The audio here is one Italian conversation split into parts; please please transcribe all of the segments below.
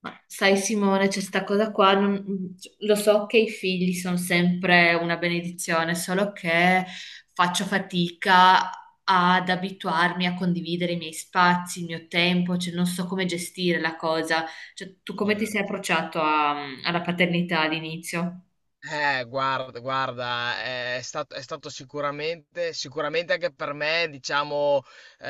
Ma sai Simone, c'è sta cosa qua, lo so che i figli sono sempre una benedizione, solo che faccio fatica ad abituarmi a condividere i miei spazi, il mio tempo, cioè non so come gestire la cosa. Cioè, tu come ti sei Certo. approcciato alla paternità all'inizio? Guarda, è stato sicuramente anche per me, diciamo, eh,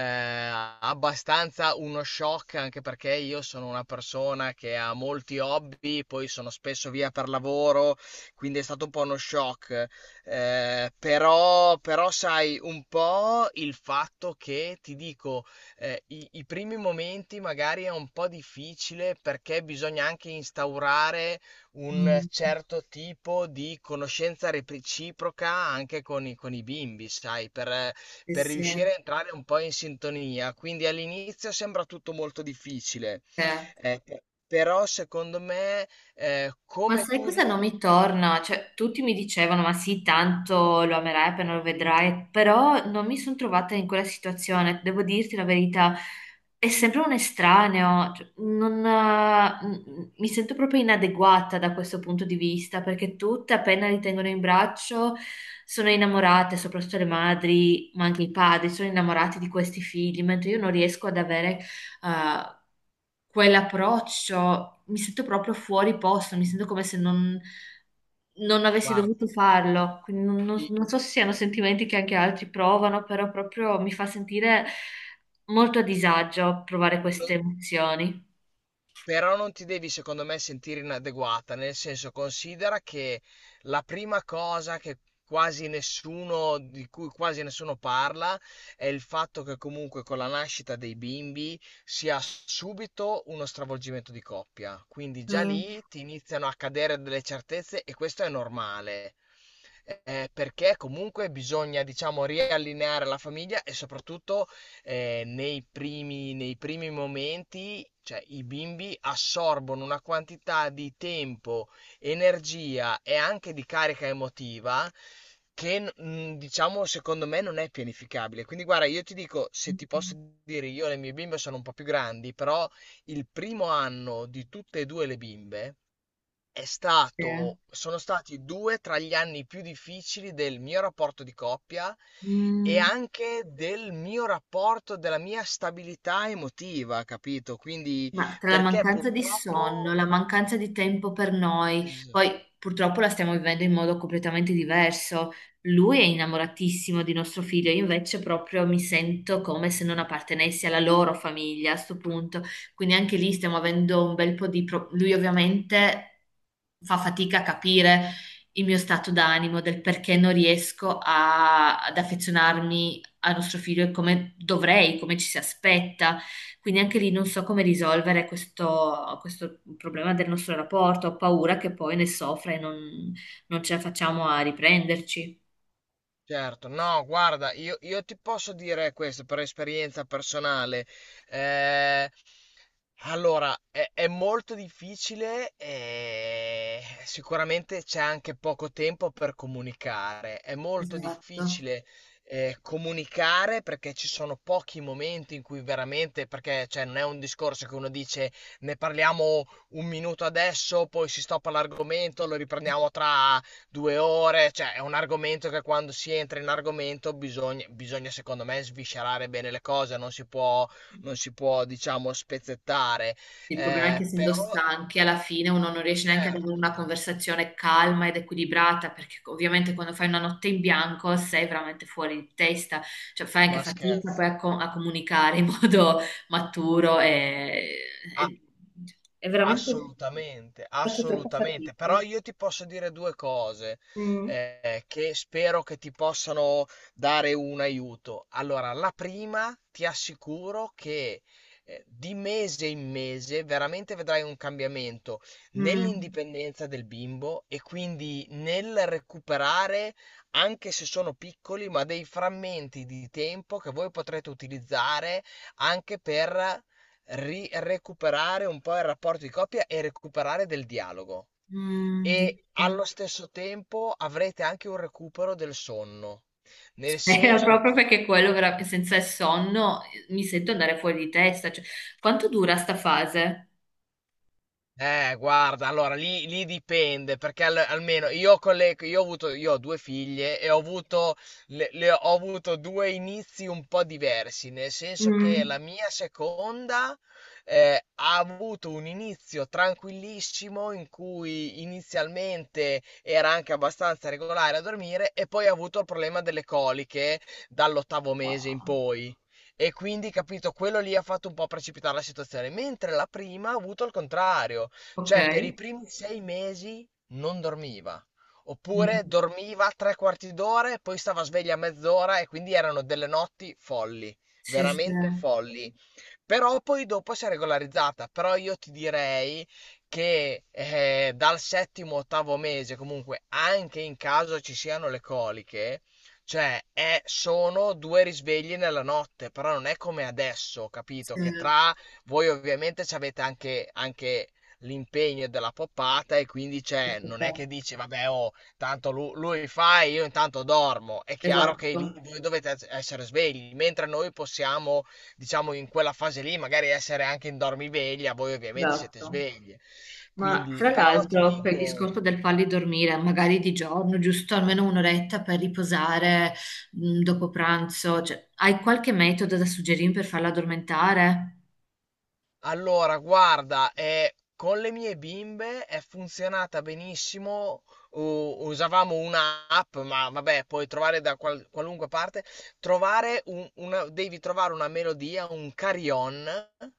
abbastanza uno shock, anche perché io sono una persona che ha molti hobby, poi sono spesso via per lavoro, quindi è stato un po' uno shock. Però sai, un po' il fatto che, ti dico, i primi momenti magari è un po' difficile perché bisogna anche instaurare un Mm, certo tipo di conoscenza reciproca anche con i bimbi, sai, per, sì, per sì. riuscire a entrare un po' in sintonia. Quindi all'inizio sembra tutto molto difficile, Sì. però secondo me, Ma come sai tu cosa non riesci, mi torna? Cioè, tutti mi dicevano, ma sì, tanto lo amerai appena lo vedrai, però non mi sono trovata in quella situazione, devo dirti la verità, è sempre un estraneo, cioè, non, mi sento proprio inadeguata da questo punto di vista, perché tutte appena li tengono in braccio sono innamorate, soprattutto le madri, ma anche i padri, sono innamorati di questi figli, mentre io non riesco ad avere eh, quell'approccio, mi sento proprio fuori posto, mi sento come se non, non avessi dovuto guarda, farlo. Quindi i- non so se siano sentimenti che anche altri provano, però proprio mi fa sentire molto a disagio provare queste lo- emozioni. Però non ti devi, secondo me, sentire inadeguata, nel senso considera che la prima cosa che quasi nessuno, di cui quasi nessuno parla, è il fatto che comunque con la nascita dei bimbi si ha subito uno stravolgimento di coppia. Quindi già Mm. lì ti iniziano a cadere delle certezze e questo è normale. Perché comunque bisogna, diciamo, riallineare la famiglia e soprattutto nei primi momenti, cioè, i bimbi assorbono una quantità di tempo, energia e anche di carica emotiva che diciamo secondo me non è pianificabile. Quindi guarda, io ti dico, se ti posso dire, io le mie bimbe sono un po' più grandi, però il primo anno di tutte e due le bimbe è Sì. stato sono stati 2 tra gli anni più difficili del mio rapporto di coppia e Mm. anche del mio rapporto della mia stabilità emotiva, capito? Quindi Ma tra la perché mancanza di sonno, purtroppo la mancanza di tempo per noi, esa poi purtroppo la stiamo vivendo in modo completamente diverso. Lui è innamoratissimo di nostro figlio, io invece proprio mi sento come se non appartenessi alla loro famiglia a sto punto. Quindi anche lì stiamo avendo un bel po' di... pro- Lui ovviamente fa fatica a capire il mio stato d'animo, del perché non riesco ad affezionarmi a nostro figlio e come dovrei, come ci si aspetta. Quindi anche lì non so come risolvere questo problema del nostro rapporto, ho paura che poi ne soffra e non, non ce la facciamo a riprenderci. certo, no, guarda, io ti posso dire questo per esperienza personale. Eh, allora, è molto difficile e sicuramente c'è anche poco tempo per comunicare. È molto Esatto. difficile comunicare perché ci sono pochi momenti in cui veramente, perché cioè, non è un discorso che uno dice ne parliamo un minuto adesso, poi si stoppa l'argomento, lo riprendiamo tra due ore, cioè è un argomento che quando si entra in argomento bisogna secondo me sviscerare bene le cose, non si può diciamo spezzettare. Il problema è che Eh, essendo però, stanchi, alla fine uno non riesce neanche ad avere certo, una conversazione calma ed equilibrata, perché ovviamente quando fai una notte in bianco sei veramente fuori di testa, cioè fai anche ma fatica scherzo. poi a comunicare in modo maturo A- e- cioè, è veramente Assolutamente, faccio troppa assolutamente. Però fatica. io ti posso dire due cose Mm. Che spero che ti possano dare un aiuto. Allora, la prima, ti assicuro che di mese in mese veramente vedrai un cambiamento Mm, nell'indipendenza del bimbo e quindi nel recuperare, anche se sono piccoli, ma dei frammenti di tempo che voi potrete utilizzare anche per recuperare un po' il rapporto di coppia e recuperare del dialogo. mm, E dice. allo stesso tempo avrete anche un recupero del sonno, nel Spero senso proprio perché che quello senza il sonno mi sento andare fuori di testa. Cioè, quanto dura sta fase? Guarda, allora lì dipende, perché almeno io, con le, io, ho avuto, io ho due figlie e ho avuto due inizi un po' diversi, nel senso che Mm. la mia seconda ha avuto un inizio tranquillissimo in cui inizialmente era anche abbastanza regolare a dormire e poi ha avuto il problema delle coliche dall'ottavo mese in Ah, poi. E quindi, capito, quello lì ha fatto un po' precipitare la situazione, mentre la prima ha avuto il contrario. ok. Cioè, per i primi 6 mesi non dormiva. Mm. Oppure dormiva tre quarti d'ora e poi stava sveglia mezz'ora e quindi erano delle notti folli, Sì, sì, veramente folli. Però poi dopo si è regolarizzata. Però io ti direi che dal settimo, ottavo mese, comunque, anche in caso ci siano le coliche, cioè sono due risvegli nella notte, però non è come adesso, sì, capito? Che tra voi ovviamente ci avete anche l'impegno della poppata e quindi sì, c'è, sì, non sì. è che dici, vabbè, oh, tanto lui, fa e io intanto dormo. È chiaro che Esatto, lì voi dovete essere svegli, mentre noi possiamo diciamo in quella fase lì magari essere anche in dormiveglia, voi ovviamente siete esatto. svegli. Ma Quindi, tra però ti l'altro, per il dico, discorso del farli dormire, magari di giorno, giusto almeno un'oretta per riposare mm, dopo pranzo, cioè, hai qualche metodo da suggerirmi per farla addormentare? allora, guarda, con le mie bimbe è funzionata benissimo. Usavamo un'app, ma vabbè, puoi trovare da qualunque parte. Devi trovare una melodia, un carillon.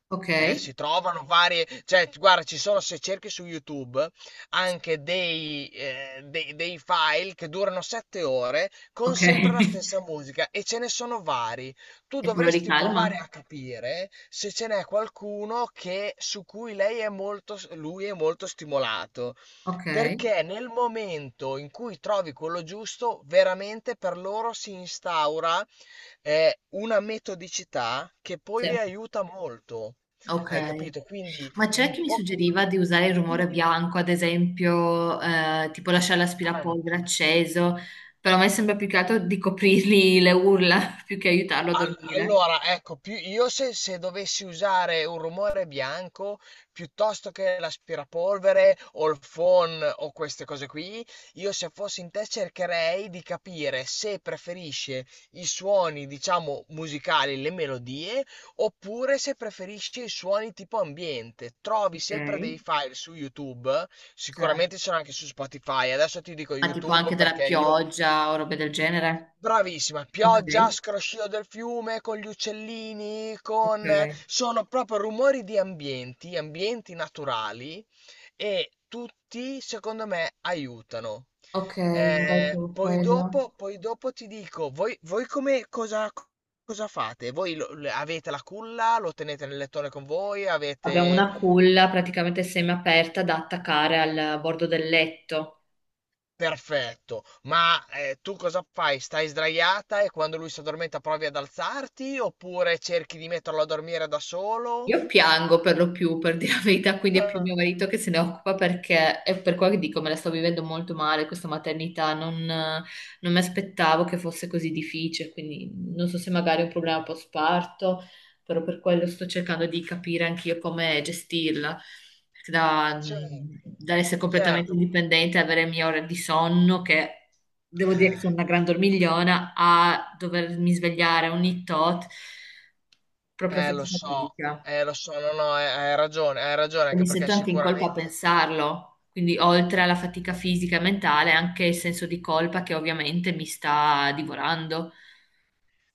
Ok. Si trovano varie, cioè, guarda, ci sono, se cerchi su YouTube, anche dei file che durano 7 ore con Ok. sempre la stessa musica e ce ne sono vari. Tu E te lo dovresti ricalma? provare a capire se ce n'è qualcuno che, su cui lei è molto, lui è molto stimolato. Ok. Perché nel momento in cui trovi quello giusto, veramente per loro si instaura una metodicità che Sì. poi aiuta molto. Ok, Hai capito? Quindi ma c'è un chi mi suggeriva pochino di usare il di- rumore bianco, ad esempio, tipo lasciare l'aspirapolvere anche. acceso, però a me sembra più che altro di coprirgli le urla più che aiutarlo a Al dormire. allora, ecco, più io se dovessi usare un rumore bianco, piuttosto che l'aspirapolvere o il phon o queste cose qui, io se fossi in te cercherei di capire se preferisce i suoni, diciamo, musicali, le melodie, oppure se preferisce i suoni tipo ambiente. Trovi Ok, sempre dei file su YouTube, cioè, sicuramente c'erano anche su Spotify. Adesso ti dico ma tipo anche YouTube della perché io pioggia o robe del genere. Bravissima, Ok, pioggia, scroscio del fiume con gli uccellini, ok, con... sono proprio rumori di ambienti, ambienti naturali e tutti secondo me aiutano. ok, magari Eh, con poi quello. dopo, poi dopo ti dico, voi come cosa fate? Voi avete la culla, lo tenete nel lettone con voi, Abbiamo avete... una culla praticamente semiaperta da attaccare al bordo del letto. Perfetto, ma, tu cosa fai? Stai sdraiata e quando lui s'addormenta provi ad alzarti, oppure cerchi di metterlo a dormire da solo? Io piango per lo più, per dire la verità, quindi è più mio marito che se ne occupa perché è per quello che dico, me la sto vivendo molto male questa maternità, non, non mi aspettavo che fosse così difficile, quindi non so se magari è un problema post-parto, però per quello sto cercando di capire anch'io come gestirla, perché da, Certo, dall'essere completamente certo. indipendente, avere le mie ore di sonno, che devo dire che sono una gran dormigliona, a dovermi svegliare ogni tot, proprio Lo faccio so, fatica no, no, hai ragione, anche mi perché sento anche in colpa a sicuramente pensarlo, quindi oltre alla fatica fisica e mentale, anche il senso di colpa che ovviamente mi sta divorando.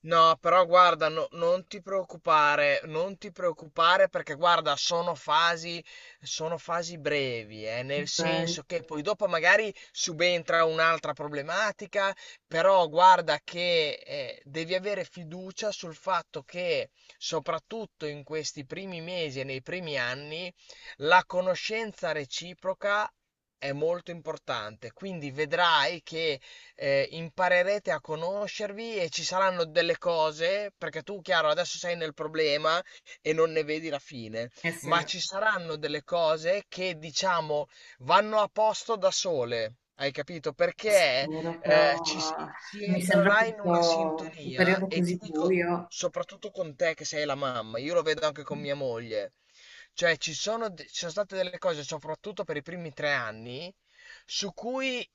no, però guarda, non ti preoccupare, non ti preoccupare perché guarda, sono fasi brevi, nel Ok, senso che poi dopo magari subentra un'altra problematica, però guarda che devi avere fiducia sul fatto che soprattutto in questi primi mesi e nei primi anni la conoscenza reciproca è molto importante, quindi vedrai che imparerete a conoscervi e ci saranno delle cose, perché tu, chiaro, adesso sei nel problema e non ne vedi la fine, eh sì, ma ci saranno delle cose che, diciamo, vanno a posto da sole. Hai capito? Perché spero, eh, però ci si si mi sembra entrerà in una proprio un sintonia periodo e ti così dico, buio. soprattutto con te che sei la mamma, io lo vedo anche con mia moglie. Cioè, ci sono, ci sono state delle cose, soprattutto per i primi 3 anni, su cui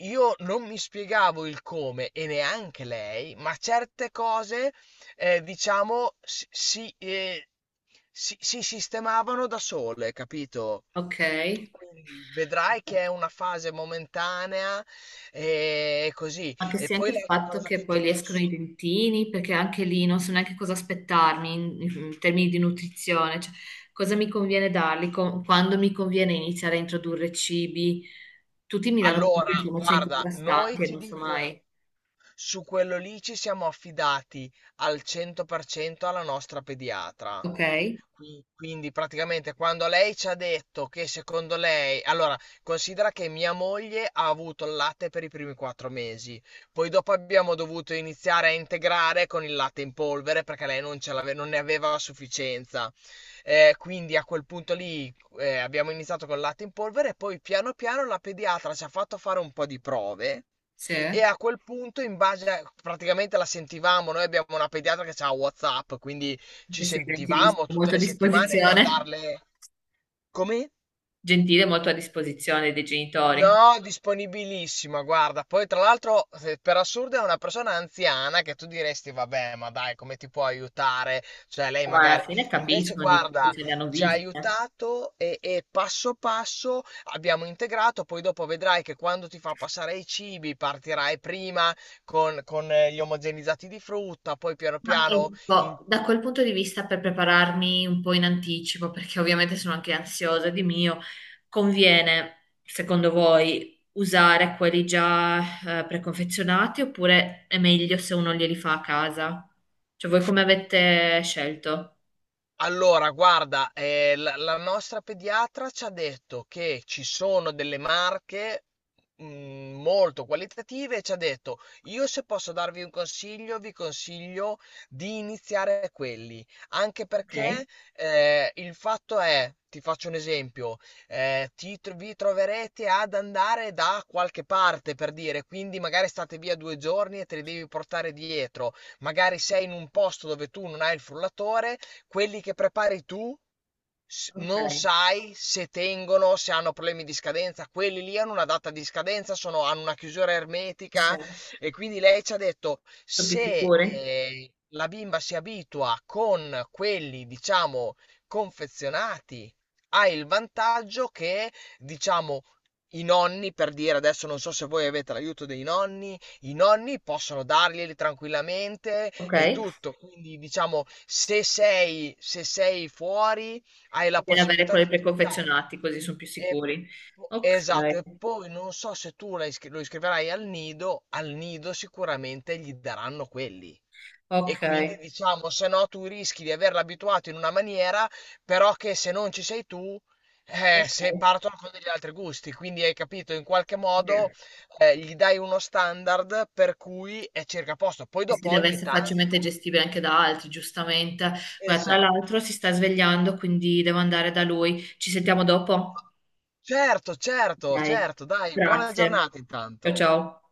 io non mi spiegavo il come e neanche lei, ma certe cose, diciamo, si sistemavano da sole, capito? Ok. Quindi vedrai che è una fase momentanea e così. Anche E se anche poi il l'altra fatto cosa che che poi ti gli escono i posso... dentini, perché anche lì non so neanche cosa aspettarmi in termini di nutrizione, cioè, cosa mi conviene darli, quando mi conviene iniziare a introdurre cibi. Tutti mi danno comunque Allora, informazioni guarda, noi contrastanti e ti non so dico, mai. su quello lì ci siamo affidati al 100% alla nostra pediatra. Ok, Quindi praticamente quando lei ci ha detto che secondo lei, allora considera che mia moglie ha avuto il latte per i primi 4 mesi, poi dopo abbiamo dovuto iniziare a integrare con il latte in polvere perché lei non, ce l'ave- non ne aveva a sufficienza. Quindi a quel punto lì abbiamo iniziato con il latte in polvere e poi piano piano la pediatra ci ha fatto fare un po' di prove. sì. E Se a quel punto, praticamente la sentivamo, noi abbiamo una pediatra che ha WhatsApp, quindi ci sei sentivamo gentilissimo, tutte molto a le settimane per disposizione, darle... Come? gentile, molto a disposizione dei genitori. No, disponibilissima, guarda. Poi, tra l'altro, per assurdo è una persona anziana che tu diresti, vabbè, ma dai, come ti può aiutare? Cioè, lei Ma alla magari... fine Invece, capiscono di più, guarda, se ne hanno ci ha viste. aiutato e passo passo abbiamo integrato. Poi dopo vedrai che quando ti fa passare i cibi partirai prima con, con gli omogenizzati di frutta, poi piano Ma piano... in- ecco, da quel punto di vista per prepararmi un po' in anticipo, perché ovviamente sono anche ansiosa di mio, conviene, secondo voi, usare quelli già preconfezionati oppure è meglio se uno glieli fa a casa? Cioè voi come avete scelto? Allora, guarda, la nostra pediatra ci ha detto che ci sono delle marche molto qualitative e ci ha detto, io se posso darvi un consiglio, vi consiglio di iniziare quelli, anche Ok, perché il fatto è, ti faccio un esempio, vi troverete ad andare da qualche parte per dire, quindi magari state via 2 giorni e te li devi portare dietro, magari sei in un posto dove tu non hai il frullatore. Quelli che prepari tu ok, non sai se tengono, se hanno problemi di scadenza, quelli lì hanno una data di scadenza, hanno una chiusura sì. ermetica Sono e quindi lei ci ha detto più se sicuri? La bimba si abitua con quelli, diciamo, confezionati, ha il vantaggio che, diciamo, i nonni, per dire adesso non so se voi avete l'aiuto dei nonni, i nonni possono darglieli tranquillamente Ok, e tutto. Quindi diciamo, se sei fuori, hai la conviene avere possibilità quelli di utilizzarli. preconfezionati così sono più E sicuri. Ok, esatto, e poi non so se tu lo iscriverai al nido sicuramente gli daranno quelli. E ok, quindi diciamo, se no tu rischi di averlo abituato in una maniera, però che se non ci sei tu, se ok. partono con degli altri gusti. Quindi hai capito, in qualche modo Sì. Gli dai uno standard per cui è circa a posto. Poi E si dopo deve ogni essere tanto... facilmente gestibile anche da altri, giustamente. Guarda, tra l'altro Esatto. si sta svegliando, quindi devo andare da lui. Ci sentiamo dopo? Certo, certo, Ok, certo, dai, buona grazie. giornata Ciao intanto. ciao.